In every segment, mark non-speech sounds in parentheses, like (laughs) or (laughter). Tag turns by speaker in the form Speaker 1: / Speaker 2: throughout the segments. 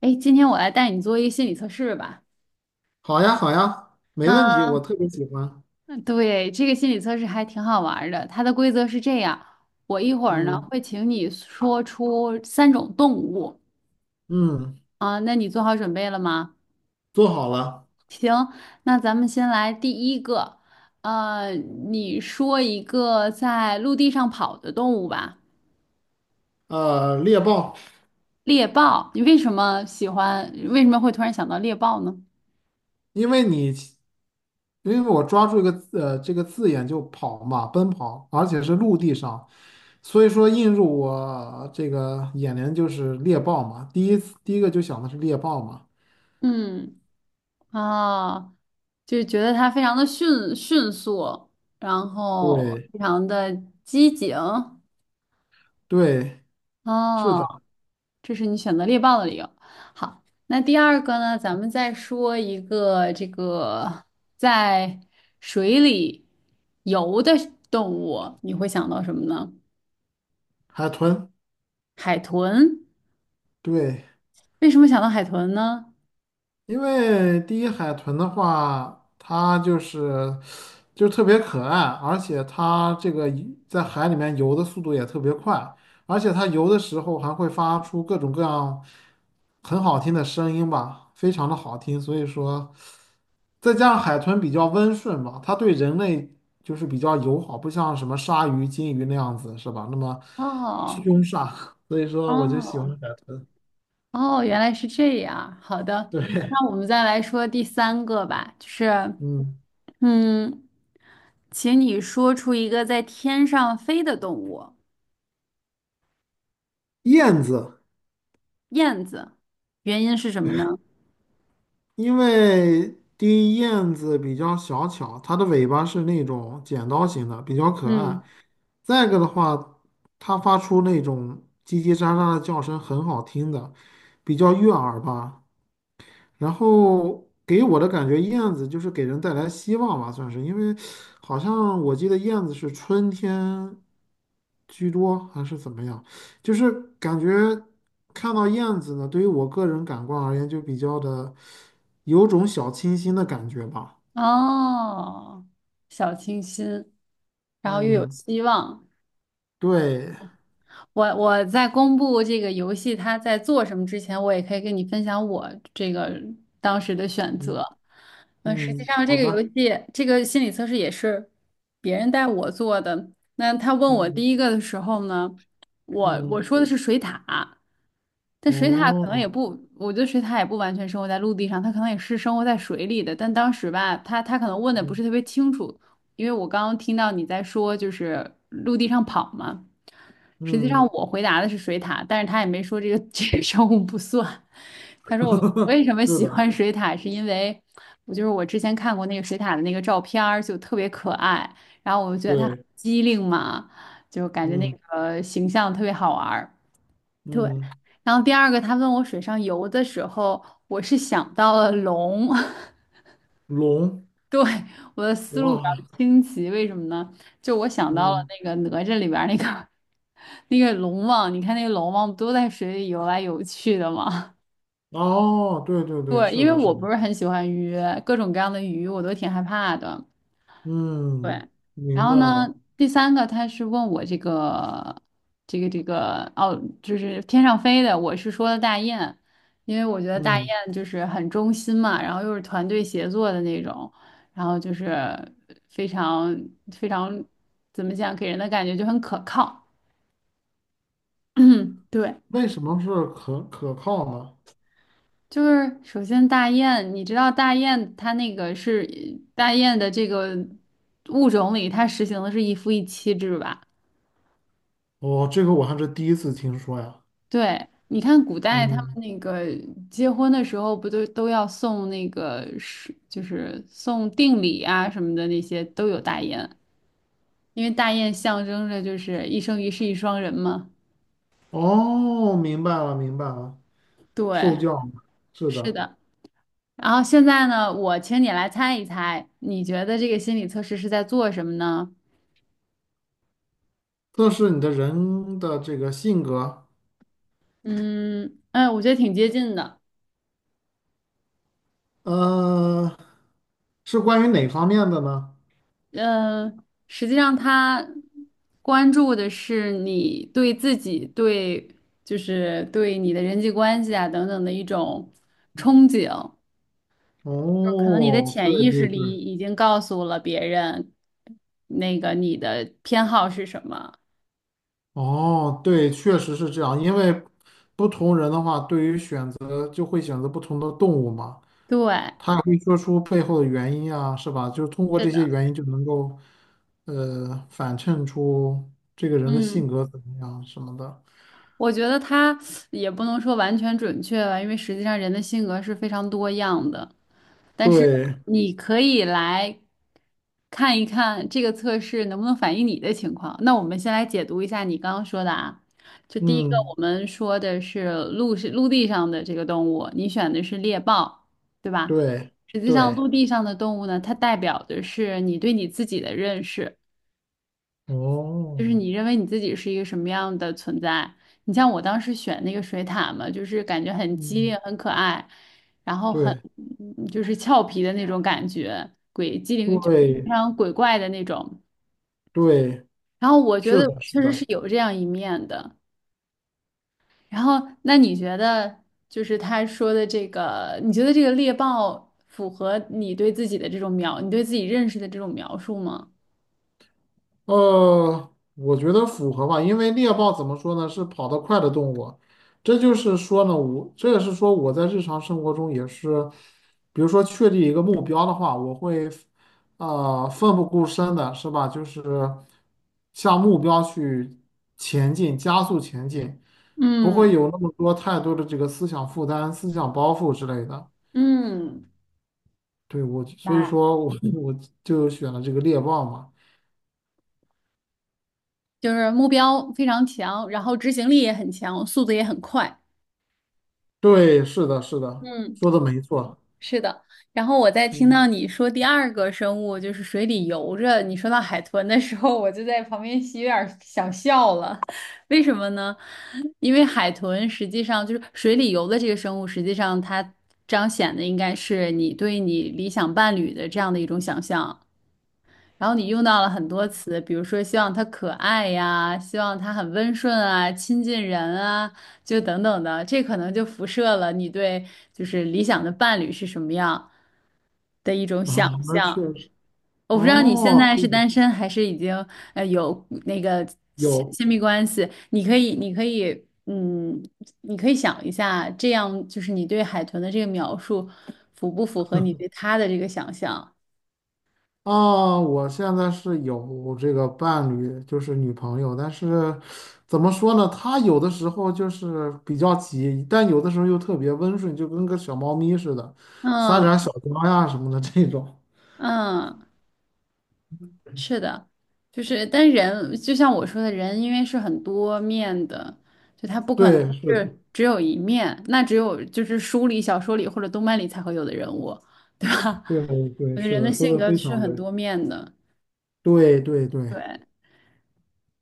Speaker 1: 哎，今天我来带你做一个心理测试吧。
Speaker 2: 好呀，好呀，没问题，
Speaker 1: 嗯，
Speaker 2: 我特别喜欢。
Speaker 1: 对，这个心理测试还挺好玩儿的。它的规则是这样：我一会儿呢
Speaker 2: 嗯
Speaker 1: 会请你说出三种动物
Speaker 2: 嗯，
Speaker 1: 啊，那你做好准备了吗？
Speaker 2: 做好了。
Speaker 1: 那咱们先来第一个，你说一个在陆地上跑的动物吧，
Speaker 2: 猎豹。
Speaker 1: 猎豹。你为什么喜欢？为什么会突然想到猎豹呢？
Speaker 2: 因为你因为我抓住一个字这个字眼就跑嘛，奔跑，而且是陆地上，所以说映入我这个眼帘就是猎豹嘛。第一个就想的是猎豹嘛。
Speaker 1: 嗯。啊，就觉得它非常的迅速，然后
Speaker 2: 对
Speaker 1: 非常的机警。
Speaker 2: 对，是
Speaker 1: 哦，
Speaker 2: 的。
Speaker 1: 这是你选择猎豹的理由。好，那第二个呢，咱们再说一个这个在水里游的动物，你会想到什么呢？
Speaker 2: 海豚，
Speaker 1: 海豚。
Speaker 2: 对。
Speaker 1: 为什么想到海豚呢？
Speaker 2: 因为第一海豚的话，它就是就特别可爱，而且它这个一在海里面游的速度也特别快，而且它游的时候还会发出各种各样很好听的声音吧，非常的好听。所以说，再加上海豚比较温顺吧，它对人类就是比较友好，不像什么鲨鱼、金鱼那样子，是吧？那么
Speaker 1: 哦
Speaker 2: 凶煞，(laughs) 所以说我就喜欢
Speaker 1: 哦
Speaker 2: 海豚。
Speaker 1: 哦，原来是这样。好的，
Speaker 2: 对。
Speaker 1: 那我们再来说第三个吧，就是。
Speaker 2: 嗯，
Speaker 1: 嗯，请你说出一个在天上飞的动物，
Speaker 2: 燕子。
Speaker 1: 燕子，原因是什么呢？
Speaker 2: 因为第一燕子比较小巧，它的尾巴是那种剪刀型的，比较可
Speaker 1: 嗯，
Speaker 2: 爱。再一个的话，它发出那种叽叽喳喳的叫声，很好听的，比较悦耳吧。然后给我的感觉，燕子就是给人带来希望吧，算是。因为好像我记得燕子是春天居多还是怎么样，就是感觉看到燕子呢，对于我个人感官而言，就比较的有种小清新的感觉吧。
Speaker 1: 哦，小清新，然后又有
Speaker 2: 嗯，
Speaker 1: 希望。
Speaker 2: 对。
Speaker 1: 我在公布这个游戏它在做什么之前，我也可以跟你分享我这个当时的选
Speaker 2: 嗯
Speaker 1: 择。嗯，实际
Speaker 2: 嗯，
Speaker 1: 上这
Speaker 2: 好
Speaker 1: 个游
Speaker 2: 的。
Speaker 1: 戏这个心理测试也是别人带我做的。那他问我
Speaker 2: 嗯
Speaker 1: 第一个的时候呢，我
Speaker 2: 嗯。
Speaker 1: 我说的是水獭，但水獭可能
Speaker 2: 哦。
Speaker 1: 也不，我觉得水獭也不完全生活在陆地上，它可能也是生活在水里的。但当时吧，他可能问的不
Speaker 2: 嗯
Speaker 1: 是特别清楚，因为我刚刚听到你在说就是陆地上跑嘛，实际上
Speaker 2: 嗯，
Speaker 1: 我回答的是水獭，但是他也没说这个 (laughs) 这个生物不算。他说我为什么
Speaker 2: 是
Speaker 1: 喜
Speaker 2: 的。
Speaker 1: 欢水獭，是因为我就是我之前看过那个水獭的那个照片儿，就特别可爱，然后我就觉得它很
Speaker 2: 对。
Speaker 1: 机灵嘛，就感觉那
Speaker 2: 嗯
Speaker 1: 个形象特别好玩儿对，
Speaker 2: 嗯。
Speaker 1: 然后第二个他问我水上游的时候，我是想到了龙。(laughs)
Speaker 2: 龙。
Speaker 1: 对，我的思路比
Speaker 2: 哇。
Speaker 1: 较清奇，为什么呢？就我想到了
Speaker 2: 嗯。
Speaker 1: 那个哪吒里边儿那个 (laughs) 那个龙王，你看那个龙王不都在水里游来游去的吗？
Speaker 2: 哦，对对
Speaker 1: (laughs)
Speaker 2: 对，
Speaker 1: 对，
Speaker 2: 是
Speaker 1: 因为
Speaker 2: 的，是
Speaker 1: 我
Speaker 2: 的。
Speaker 1: 不是很喜欢鱼，各种各样的鱼我都挺害怕的。对，
Speaker 2: 嗯，
Speaker 1: 然
Speaker 2: 明
Speaker 1: 后
Speaker 2: 白
Speaker 1: 呢，
Speaker 2: 了。
Speaker 1: 第三个他是问我这个哦，就是天上飞的，我是说的大雁，因为我觉得大雁
Speaker 2: 嗯，
Speaker 1: 就是很忠心嘛，然后又是团队协作的那种，然后就是非常非常怎么讲，给人的感觉就很可靠。(clears throat) 对，
Speaker 2: 为什么是可靠呢？
Speaker 1: 就是首先大雁，你知道大雁它那个是大雁的这个物种里，它实行的是一夫一妻制吧？
Speaker 2: 哦，这个我还是第一次听说呀。
Speaker 1: 对，你看古代他们
Speaker 2: 嗯。
Speaker 1: 那个结婚的时候，不都要送那个是就是送定礼啊什么的那些都有大雁，因为大雁象征着就是一生一世一双人嘛。
Speaker 2: 哦，明白了，明白了。受
Speaker 1: 对，
Speaker 2: 教嘛，是
Speaker 1: 是
Speaker 2: 的。
Speaker 1: 的。然后现在呢，我请你来猜一猜，你觉得这个心理测试是在做什么呢？
Speaker 2: 测试你的人的这个性格。
Speaker 1: 嗯，哎，我觉得挺接近的。
Speaker 2: 呃，是关于哪方面的呢？
Speaker 1: 嗯，实际上他关注的是你对自己、对就是对你的人际关系啊等等的一种憧憬，就可能你的
Speaker 2: 哦，对
Speaker 1: 潜意识
Speaker 2: 对
Speaker 1: 里
Speaker 2: 对。
Speaker 1: 已经告诉了别人那个你的偏好是什么。
Speaker 2: 哦，对，确实是这样，因为不同人的话，对于选择就会选择不同的动物嘛。
Speaker 1: 对，
Speaker 2: 可以说出背后的原因啊，是吧？就是通过
Speaker 1: 是
Speaker 2: 这些
Speaker 1: 的，
Speaker 2: 原因就能够，呃，反衬出这个人的性
Speaker 1: 嗯。
Speaker 2: 格怎么样什么的。
Speaker 1: 我觉得它也不能说完全准确吧，因为实际上人的性格是非常多样的。但是
Speaker 2: 对。
Speaker 1: 你可以来看一看这个测试能不能反映你的情况。那我们先来解读一下你刚刚说的啊，就第一个
Speaker 2: 嗯。
Speaker 1: 我们说的是陆地上的这个动物，你选的是猎豹，对吧？
Speaker 2: 对。
Speaker 1: 实际上，陆
Speaker 2: 对。
Speaker 1: 地上的动物呢，它代表的是你对你自己的认识。就是
Speaker 2: 哦。
Speaker 1: 你认为你自己是一个什么样的存在？你像我当时选那个水獭嘛，就是感觉很机灵、
Speaker 2: 嗯。
Speaker 1: 很可爱，然后很
Speaker 2: 对。
Speaker 1: 就是俏皮的那种感觉，鬼机灵就是非
Speaker 2: 对。
Speaker 1: 常鬼怪的那种。
Speaker 2: 对，
Speaker 1: 然后我觉
Speaker 2: 是
Speaker 1: 得
Speaker 2: 的，
Speaker 1: 我
Speaker 2: 是
Speaker 1: 确实
Speaker 2: 的。
Speaker 1: 是有这样一面的。然后那你觉得就是他说的这个，你觉得这个猎豹符合你对自己的这种描，你对自己认识的这种描述吗？
Speaker 2: 我觉得符合吧，因为猎豹怎么说呢，是跑得快的动物。这就是说呢，我这也是说我在日常生活中也是，比如说确立一个目标的话，我会奋不顾身的，是吧？就是向目标去前进，加速前进，不会
Speaker 1: 嗯
Speaker 2: 有那么多太多的这个思想负担、思想包袱之类的。
Speaker 1: 嗯，
Speaker 2: 对，所以
Speaker 1: 来。
Speaker 2: 说我 (laughs) 我就选了这个猎豹嘛。
Speaker 1: 就是目标非常强，然后执行力也很强，速度也很快。
Speaker 2: 对，是的，是的，
Speaker 1: 嗯，
Speaker 2: 说的没错。
Speaker 1: 是的。然后我在听到
Speaker 2: 嗯。
Speaker 1: 你说第二个生物就是水里游着，你说到海豚的时候，我就在旁边有点儿想笑了。(laughs) 为什么呢？因为海豚实际上就是水里游的这个生物，实际上它彰显的应该是你对你理想伴侣的这样的一种想象。然后你用到了很多词，比如说希望他可爱呀，希望他很温顺啊，亲近人啊，就等等的，这可能就辐射了你对就是理想的伴侣是什么样的一种想
Speaker 2: 啊，那确
Speaker 1: 象。
Speaker 2: 实。
Speaker 1: 我不知道你现
Speaker 2: 哦，
Speaker 1: 在是
Speaker 2: 对。
Speaker 1: 单身还是已经有那个亲
Speaker 2: 有
Speaker 1: 亲密关系，你可以想一下，这样就是你对海豚的这个描述符不符合你对他的这个想象？
Speaker 2: 啊，我现在是有这个伴侣，就是女朋友，但是怎么说呢？她有的时候就是比较急，但有的时候又特别温顺，就跟个小猫咪似的，撒点
Speaker 1: 嗯
Speaker 2: 儿小娇呀什么的这种。
Speaker 1: 嗯。是的，就是，但人就像我说的，人因为是很多面的，就他不可能
Speaker 2: 对，是的。
Speaker 1: 是只有一面，那只有就是书里、小说里或者动漫里才会有的人物，对吧？
Speaker 2: 对
Speaker 1: (laughs)
Speaker 2: 对，
Speaker 1: 我觉得
Speaker 2: 是
Speaker 1: 人
Speaker 2: 的，
Speaker 1: 的
Speaker 2: 说
Speaker 1: 性
Speaker 2: 的
Speaker 1: 格
Speaker 2: 非
Speaker 1: 是
Speaker 2: 常
Speaker 1: 很
Speaker 2: 对。
Speaker 1: 多面的。
Speaker 2: 对对对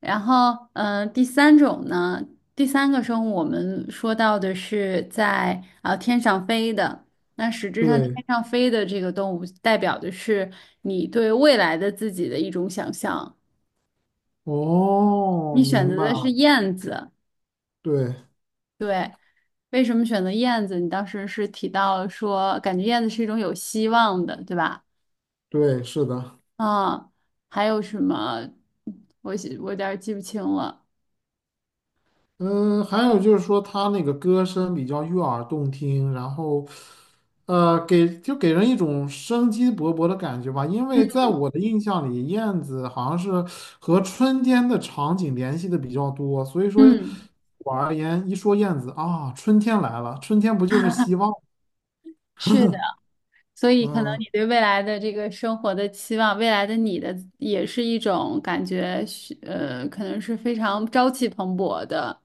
Speaker 1: 然后，第三种呢，第三个生物我们说到的是天上飞的，那实质上天
Speaker 2: 对。
Speaker 1: 上飞的这个动物代表的是你对未来的自己的一种想象。
Speaker 2: 哦，
Speaker 1: 你选
Speaker 2: 明
Speaker 1: 择
Speaker 2: 白
Speaker 1: 的是
Speaker 2: 了。
Speaker 1: 燕子，
Speaker 2: 对
Speaker 1: 对，为什么选择燕子？你当时是提到说，感觉燕子是一种有希望的，对吧？
Speaker 2: 对，是的。
Speaker 1: 啊，还有什么？我有点儿记不清了。
Speaker 2: 嗯，还有就是说他那个歌声比较悦耳动听，然后，呃，就给人一种生机勃勃的感觉吧。因为在我的印象里，燕子好像是和春天的场景联系的比较多，所以说
Speaker 1: 嗯，
Speaker 2: 我而言，一说燕子啊，春天来了，春天不就是希望？
Speaker 1: 是的，所以可能
Speaker 2: 嗯，
Speaker 1: 你对未来的这个生活的期望，未来的你的也是一种感觉是，可能是非常朝气蓬勃的，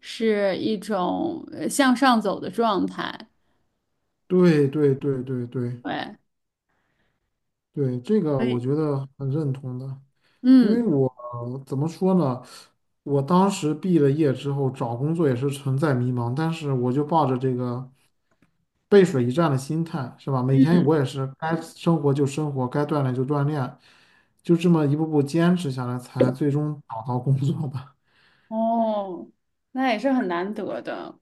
Speaker 1: 是一种向上走的状态。
Speaker 2: 对对对对对
Speaker 1: 对，
Speaker 2: 对，这个
Speaker 1: 所
Speaker 2: 我
Speaker 1: 以，
Speaker 2: 觉得很认同的。因为
Speaker 1: 嗯
Speaker 2: 我怎么说呢？我当时毕了业之后找工作也是存在迷茫，但是我就抱着这个背水一战的心态，是吧？每天
Speaker 1: 嗯，
Speaker 2: 我也是该生活就生活，该锻炼就锻炼，就这么一步步坚持下来，才最终找到工作吧。
Speaker 1: 哦，那也是很难得的。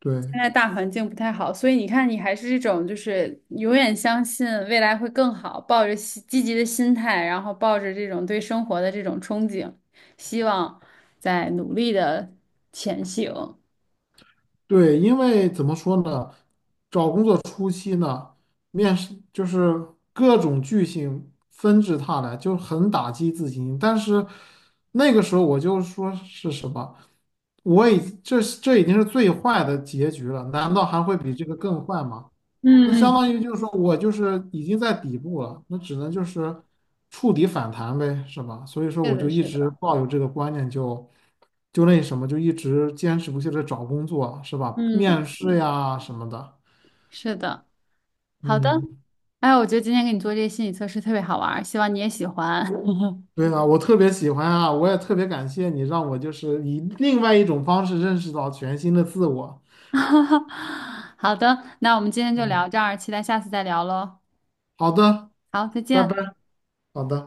Speaker 2: (laughs) 对。
Speaker 1: 现在大环境不太好，所以你看，你还是这种就是永远相信未来会更好，抱着积极的心态，然后抱着这种对生活的这种憧憬，希望在努力的前行。
Speaker 2: 对，因为怎么说呢，找工作初期呢，面试就是各种巨星纷至沓来，就很打击自己。但是那个时候我就说是什么，这已经是最坏的结局了，难道还会比这个更坏吗？那
Speaker 1: 嗯
Speaker 2: 相
Speaker 1: 嗯，
Speaker 2: 当于就是说我就是已经在底部了，那只能就是触底反弹呗，是吧？所以说
Speaker 1: 是
Speaker 2: 我
Speaker 1: 的，
Speaker 2: 就一
Speaker 1: 是
Speaker 2: 直
Speaker 1: 的。
Speaker 2: 抱有这个观念就那什么，就一直坚持不懈的找工作，是吧？
Speaker 1: 嗯，
Speaker 2: 面试呀什么的。
Speaker 1: 是的，好的。
Speaker 2: 嗯，
Speaker 1: 哎，我觉得今天给你做这些心理测试特别好玩儿，希望你也喜欢。
Speaker 2: 对啊，我特别喜欢啊，我也特别感谢你让我就是以另外一种方式认识到全新的自我。
Speaker 1: (laughs) 好的，那我们今天就
Speaker 2: 嗯，
Speaker 1: 聊这儿，期待下次再聊喽。
Speaker 2: 好的。
Speaker 1: 好，再
Speaker 2: 拜
Speaker 1: 见。
Speaker 2: 拜，好的。